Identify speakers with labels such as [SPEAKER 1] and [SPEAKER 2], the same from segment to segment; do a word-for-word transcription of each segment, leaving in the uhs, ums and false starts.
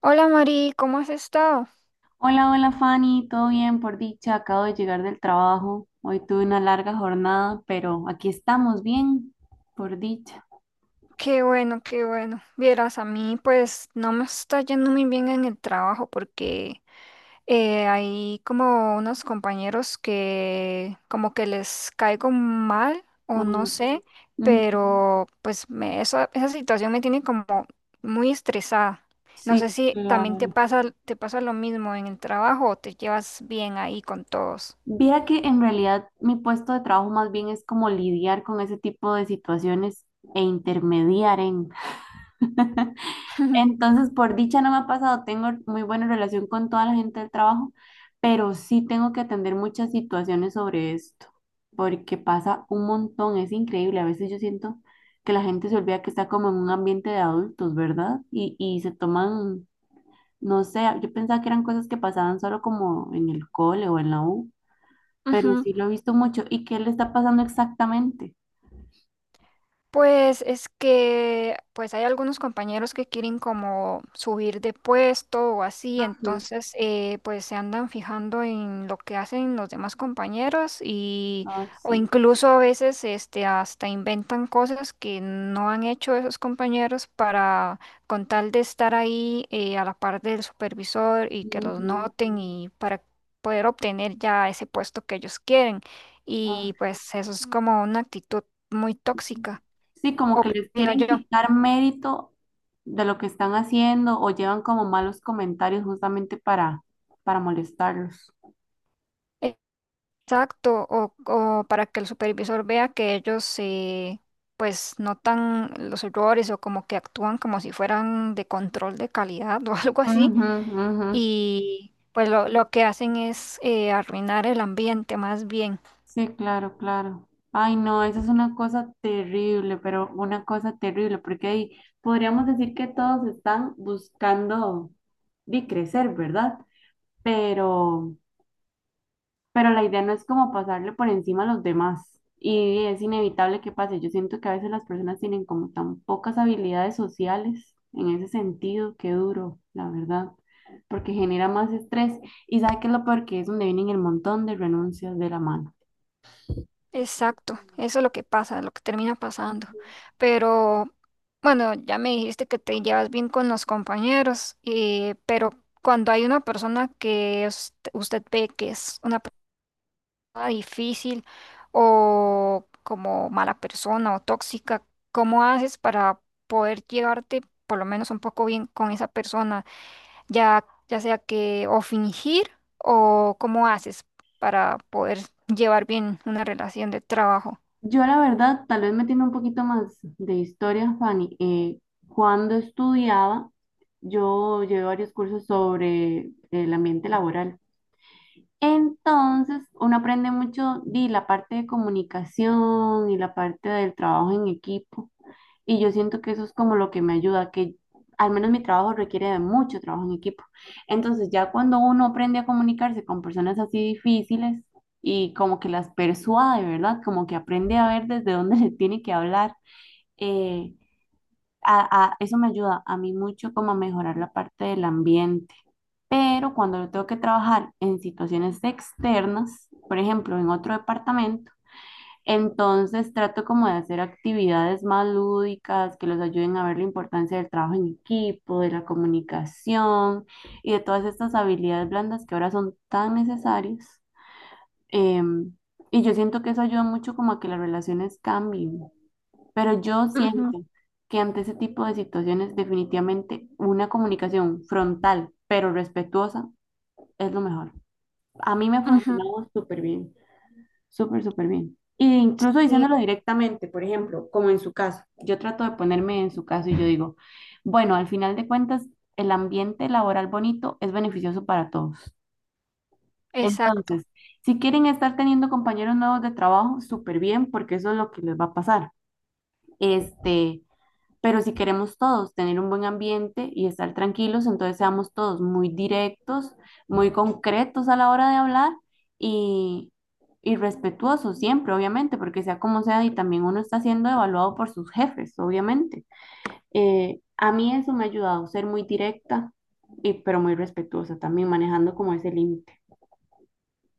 [SPEAKER 1] Hola Mari, ¿cómo has estado?
[SPEAKER 2] Hola, hola Fanny, todo bien por dicha, acabo de llegar del trabajo. Hoy tuve una larga jornada, pero aquí estamos bien, por dicha.
[SPEAKER 1] Qué bueno, qué bueno. Vieras, a mí pues no me está yendo muy bien en el trabajo porque eh, hay como unos compañeros que como que les caigo mal o no
[SPEAKER 2] Mm,
[SPEAKER 1] sé,
[SPEAKER 2] mm.
[SPEAKER 1] pero pues me- esa, esa situación me tiene como muy estresada. No sé
[SPEAKER 2] Sí,
[SPEAKER 1] si también te
[SPEAKER 2] claro.
[SPEAKER 1] pasa, te pasa lo mismo en el trabajo o te llevas bien ahí con todos.
[SPEAKER 2] Viera que en realidad mi puesto de trabajo más bien es como lidiar con ese tipo de situaciones e intermediar en. Entonces, por dicha no me ha pasado, tengo muy buena relación con toda la gente del trabajo, pero sí tengo que atender muchas situaciones sobre esto, porque pasa un montón, es increíble. A veces yo siento que la gente se olvida que está como en un ambiente de adultos, ¿verdad? Y, y se toman, no sé, yo pensaba que eran cosas que pasaban solo como en el cole o en la U, pero
[SPEAKER 1] Ujú.
[SPEAKER 2] sí lo he visto mucho. ¿Y qué le está pasando exactamente?
[SPEAKER 1] Pues es que pues hay algunos compañeros que quieren como subir de puesto o así,
[SPEAKER 2] Ujú.
[SPEAKER 1] entonces eh, pues se andan fijando en lo que hacen los demás compañeros y
[SPEAKER 2] Ah,
[SPEAKER 1] o
[SPEAKER 2] sí.
[SPEAKER 1] incluso a veces este hasta inventan cosas que no han hecho esos compañeros para con tal de estar ahí eh, a la par del supervisor y que los
[SPEAKER 2] Ujú.
[SPEAKER 1] noten y para poder obtener ya ese puesto que ellos quieren
[SPEAKER 2] Ay,
[SPEAKER 1] y pues eso es como una actitud muy tóxica,
[SPEAKER 2] sí, como que les
[SPEAKER 1] opino
[SPEAKER 2] quieren
[SPEAKER 1] yo.
[SPEAKER 2] quitar mérito de lo que están haciendo o llevan como malos comentarios justamente para, para molestarlos.
[SPEAKER 1] Exacto, o, o para que el supervisor vea que ellos eh, pues notan los errores o como que actúan como si fueran de control de calidad o algo así
[SPEAKER 2] Ujú, ujú.
[SPEAKER 1] y pues lo, lo que hacen es eh, arruinar el ambiente más bien.
[SPEAKER 2] Sí, claro, claro. Ay, no, eso es una cosa terrible, pero una cosa terrible, porque ahí podríamos decir que todos están buscando de crecer, ¿verdad? Pero Pero la idea no es como pasarle por encima a los demás. Y es inevitable que pase. Yo siento que a veces las personas tienen como tan pocas habilidades sociales en ese sentido, qué duro, la verdad, porque genera más estrés. Y sabe que es lo peor que es donde vienen el montón de renuncias de la mano.
[SPEAKER 1] Exacto, eso es lo que pasa, lo que termina pasando. Pero bueno, ya me dijiste que te llevas bien con los compañeros, eh, pero cuando hay una persona que es- usted ve que es una difícil o como mala persona o tóxica, ¿cómo haces para poder llevarte por lo menos un poco bien con esa persona? Ya, ya sea que o fingir o cómo haces para poder llevar bien una relación de trabajo.
[SPEAKER 2] Yo la verdad, tal vez metiendo un poquito más de historia, Fanny, eh, cuando estudiaba, yo llevé varios cursos sobre el ambiente laboral. Entonces, uno aprende mucho de la parte de comunicación y la parte del trabajo en equipo. Y yo siento que eso es como lo que me ayuda, que al menos mi trabajo requiere de mucho trabajo en equipo. Entonces, ya cuando uno aprende a comunicarse con personas así difíciles y como que las persuade, ¿verdad? Como que aprende a ver desde dónde les tiene que hablar. eh, a- a- Eso me ayuda a mí mucho como a mejorar la parte del ambiente. Pero cuando yo tengo que trabajar en situaciones externas, por ejemplo, en otro departamento, entonces trato como de hacer actividades más lúdicas que los ayuden a ver la importancia del trabajo en equipo, de la comunicación y de todas estas habilidades blandas que ahora son tan necesarias. Em, y yo siento que eso ayuda mucho como a que las relaciones cambien. Pero yo
[SPEAKER 1] Ujú,
[SPEAKER 2] siento que ante ese tipo de situaciones definitivamente una comunicación frontal pero respetuosa es lo mejor. A mí me
[SPEAKER 1] ujú,
[SPEAKER 2] funcionaba súper bien, súper, súper bien. E incluso
[SPEAKER 1] sí,
[SPEAKER 2] diciéndolo directamente, por ejemplo, como en su caso, yo trato de ponerme en su caso y yo digo, bueno, al final de cuentas, el ambiente laboral bonito es beneficioso para todos.
[SPEAKER 1] exacto.
[SPEAKER 2] Entonces, si quieren estar teniendo compañeros nuevos de trabajo, súper bien, porque eso es lo que les va a pasar. Este, pero si queremos todos tener un buen ambiente y estar tranquilos, entonces seamos todos muy directos, muy concretos a la hora de hablar y, y respetuosos siempre, obviamente, porque sea como sea, y también uno está siendo evaluado por sus jefes, obviamente. Eh, a mí eso me ha ayudado ser muy directa, y, pero muy respetuosa también, manejando como ese límite.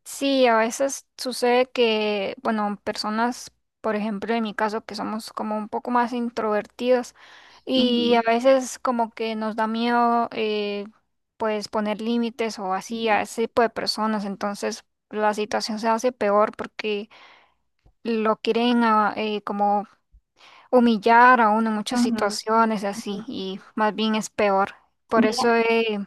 [SPEAKER 1] Sí, a veces sucede que, bueno, personas, por ejemplo, en mi caso, que somos como un poco más introvertidas y
[SPEAKER 2] Ujú,
[SPEAKER 1] a veces como que nos da miedo, eh, pues, poner límites o así a ese tipo de personas, entonces la situación se hace peor porque lo quieren a- eh, como humillar a uno en muchas
[SPEAKER 2] ujú,
[SPEAKER 1] situaciones
[SPEAKER 2] ujú.
[SPEAKER 1] así, y más bien es peor. Por
[SPEAKER 2] Mira,
[SPEAKER 1] eso eh,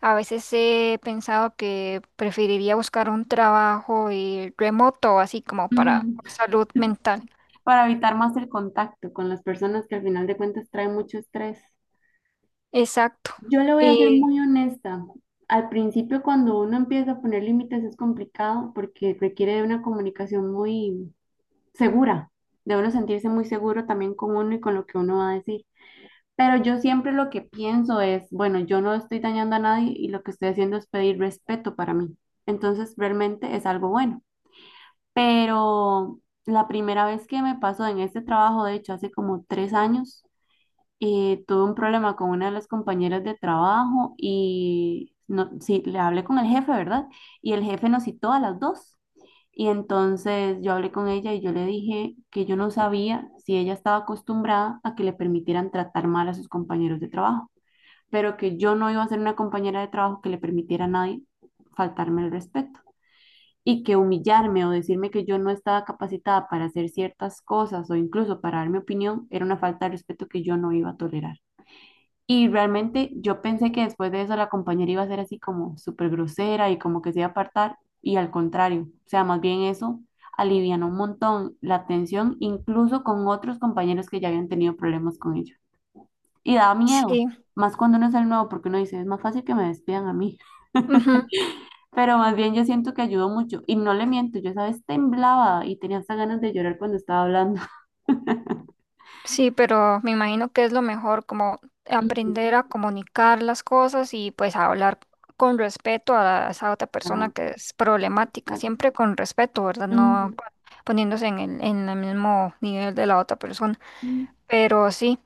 [SPEAKER 1] a veces he pensado que preferiría buscar un trabajo eh, remoto, así como para
[SPEAKER 2] ujú.
[SPEAKER 1] salud mental.
[SPEAKER 2] Para evitar más el contacto con las personas que al final de cuentas traen mucho estrés.
[SPEAKER 1] Exacto.
[SPEAKER 2] Yo le voy a ser
[SPEAKER 1] Y
[SPEAKER 2] muy honesta. Al principio, cuando uno empieza a poner límites, es complicado porque requiere de una comunicación muy segura, de uno sentirse muy seguro también con uno y con lo que uno va a decir. Pero yo siempre lo que pienso es, bueno, yo no estoy dañando a nadie y lo que estoy haciendo es pedir respeto para mí. Entonces, realmente es algo bueno. Pero la primera vez que me pasó en este trabajo, de hecho, hace como tres años, eh, tuve un problema con una de las compañeras de trabajo y no, sí, le hablé con el jefe, ¿verdad? Y el jefe nos citó a las dos. Y entonces yo hablé con ella y yo le dije que yo no sabía si ella estaba acostumbrada a que le permitieran tratar mal a sus compañeros de trabajo, pero que yo no iba a ser una compañera de trabajo que le permitiera a nadie faltarme el respeto. Y que humillarme o decirme que yo no estaba capacitada para hacer ciertas cosas o incluso para dar mi opinión era una falta de respeto que yo no iba a tolerar. Y realmente yo pensé que después de eso la compañera iba a ser así como súper grosera y como que se iba a apartar y al contrario, o sea, más bien eso alivianó un montón la tensión incluso con otros compañeros que ya habían tenido problemas con ellos. Y daba miedo,
[SPEAKER 1] sí.
[SPEAKER 2] más cuando uno es el nuevo porque uno dice, es más fácil que me despidan a mí.
[SPEAKER 1] Ujú.
[SPEAKER 2] Pero más bien yo siento que ayudó mucho y no le miento, yo esa vez temblaba y tenía hasta ganas de llorar cuando estaba hablando.
[SPEAKER 1] Sí, pero me imagino que es lo mejor, como
[SPEAKER 2] Ujú,
[SPEAKER 1] aprender a comunicar las cosas y pues a hablar con respeto a esa otra persona
[SPEAKER 2] ajá,
[SPEAKER 1] que es problemática,
[SPEAKER 2] exacto.
[SPEAKER 1] siempre con respeto, ¿verdad? No
[SPEAKER 2] Ujú,
[SPEAKER 1] poniéndose en el, en el mismo nivel de la otra persona.
[SPEAKER 2] ujú.
[SPEAKER 1] Pero sí,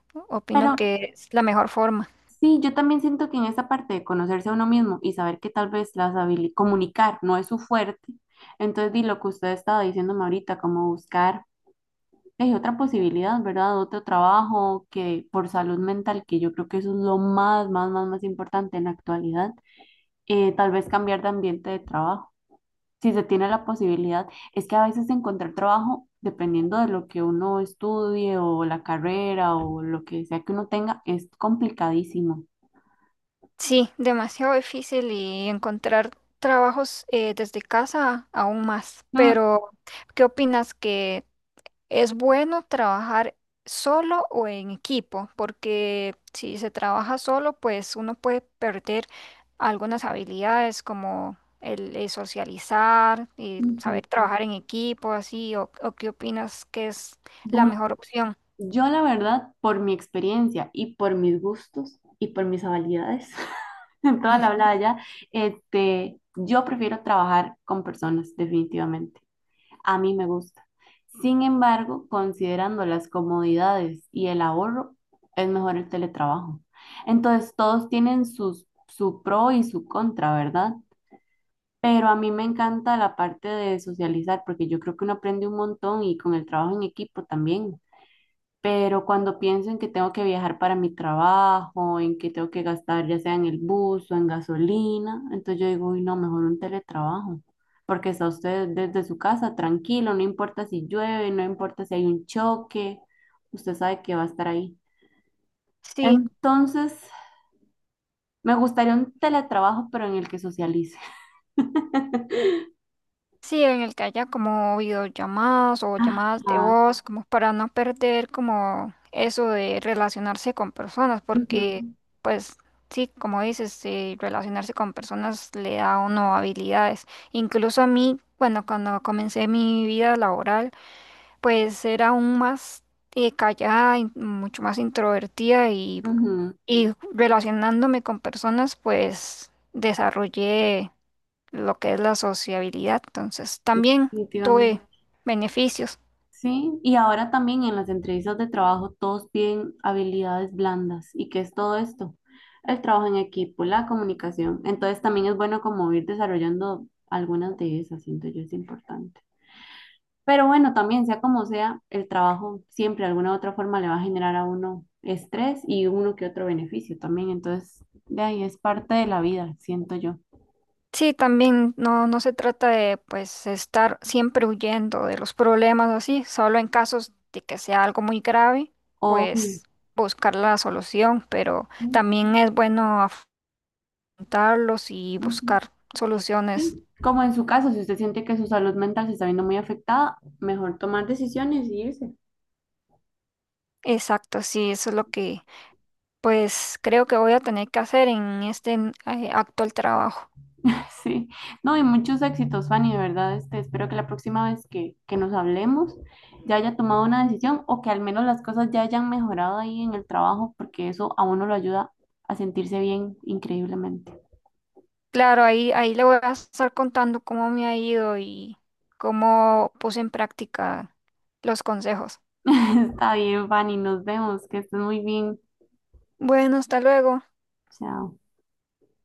[SPEAKER 2] Pero
[SPEAKER 1] opino que es la mejor forma.
[SPEAKER 2] Sí, yo también siento que en esa parte de conocerse a uno mismo y saber que tal vez las habili- comunicar no es su fuerte, entonces di lo que usted estaba diciéndome ahorita, como buscar eh, otra posibilidad, ¿verdad? Otro trabajo que por salud mental, que yo creo que eso es lo más, más, más, más importante en la actualidad, eh, tal vez cambiar de ambiente de trabajo, si se tiene la posibilidad. Es que a veces encontrar trabajo, dependiendo de lo que uno estudie o la carrera o lo que sea que uno tenga, es complicadísimo.
[SPEAKER 1] Sí, demasiado difícil y encontrar trabajos eh, desde casa aún más. Pero, ¿qué opinas que... Es bueno trabajar solo o en equipo? Porque si se trabaja solo, pues uno puede perder algunas habilidades como el, eh, socializar y
[SPEAKER 2] Ujú.
[SPEAKER 1] saber trabajar en equipo, así, o, o qué opinas que es la
[SPEAKER 2] Bueno,
[SPEAKER 1] mejor opción.
[SPEAKER 2] yo la verdad, por mi experiencia y por mis gustos y por mis habilidades, en toda la hablada ya, este, yo prefiero trabajar con personas, definitivamente. A mí me gusta. Sin embargo, considerando las comodidades y el ahorro, es mejor el teletrabajo. Entonces, todos tienen sus, su pro y su contra, ¿verdad? Pero a mí me encanta la parte de socializar, porque yo creo que uno aprende un montón y con el trabajo en equipo también. Pero cuando pienso en que tengo que viajar para mi trabajo, en que tengo que gastar ya sea en el bus o en gasolina, entonces yo digo, uy, no, mejor un teletrabajo, porque está usted desde su casa tranquilo, no importa si llueve, no importa si hay un choque, usted sabe que va a estar ahí.
[SPEAKER 1] Sí.
[SPEAKER 2] Entonces, me gustaría un teletrabajo, pero en el que socialice.
[SPEAKER 1] Sí, en el que haya como videollamadas o llamadas de
[SPEAKER 2] Ajá.
[SPEAKER 1] voz, como para no perder como eso de relacionarse con personas, porque
[SPEAKER 2] Ujú,
[SPEAKER 1] pues sí, como dices, eh, relacionarse con personas le da a uno habilidades. Incluso a mí, bueno, cuando comencé mi vida laboral, pues era aún más eh, callada, y mucho más introvertida y,
[SPEAKER 2] ujú.
[SPEAKER 1] y relacionándome con personas, pues desarrollé lo que es la sociabilidad. Entonces, también tuve
[SPEAKER 2] Definitivamente.
[SPEAKER 1] beneficios.
[SPEAKER 2] Sí, y ahora también en las entrevistas de trabajo todos piden habilidades blandas. ¿Y qué es todo esto? El trabajo en equipo, la comunicación. Entonces también es bueno como ir desarrollando algunas de esas, siento yo, es importante. Pero bueno, también sea como sea, el trabajo siempre de alguna u otra forma le va a generar a uno estrés y uno que otro beneficio también. Entonces, de ahí es parte de la vida, siento yo.
[SPEAKER 1] Sí, también no, no se trata de pues estar siempre huyendo de los problemas o así, solo en casos de que sea algo muy grave,
[SPEAKER 2] O,
[SPEAKER 1] pues buscar la solución, pero
[SPEAKER 2] sí,
[SPEAKER 1] también es bueno afrontarlos y
[SPEAKER 2] ujú.
[SPEAKER 1] buscar soluciones
[SPEAKER 2] Sí, como en su caso, si usted siente que su salud mental se está viendo muy afectada, mejor tomar decisiones y irse.
[SPEAKER 1] exactas. Sí, eso es lo que pues creo que voy a tener que hacer en este eh, actual trabajo.
[SPEAKER 2] Sí, no, y muchos éxitos, Fanny, de verdad, este, espero que la próxima vez que, que nos hablemos ya haya tomado una decisión o que al menos las cosas ya hayan mejorado ahí en el trabajo, porque eso a uno lo ayuda a sentirse bien increíblemente.
[SPEAKER 1] Claro, ahí, ahí le voy a estar contando cómo me ha ido y cómo puse en práctica los consejos.
[SPEAKER 2] Está bien, Fanny, nos vemos, que estés muy bien.
[SPEAKER 1] Bueno, hasta luego.
[SPEAKER 2] Chao.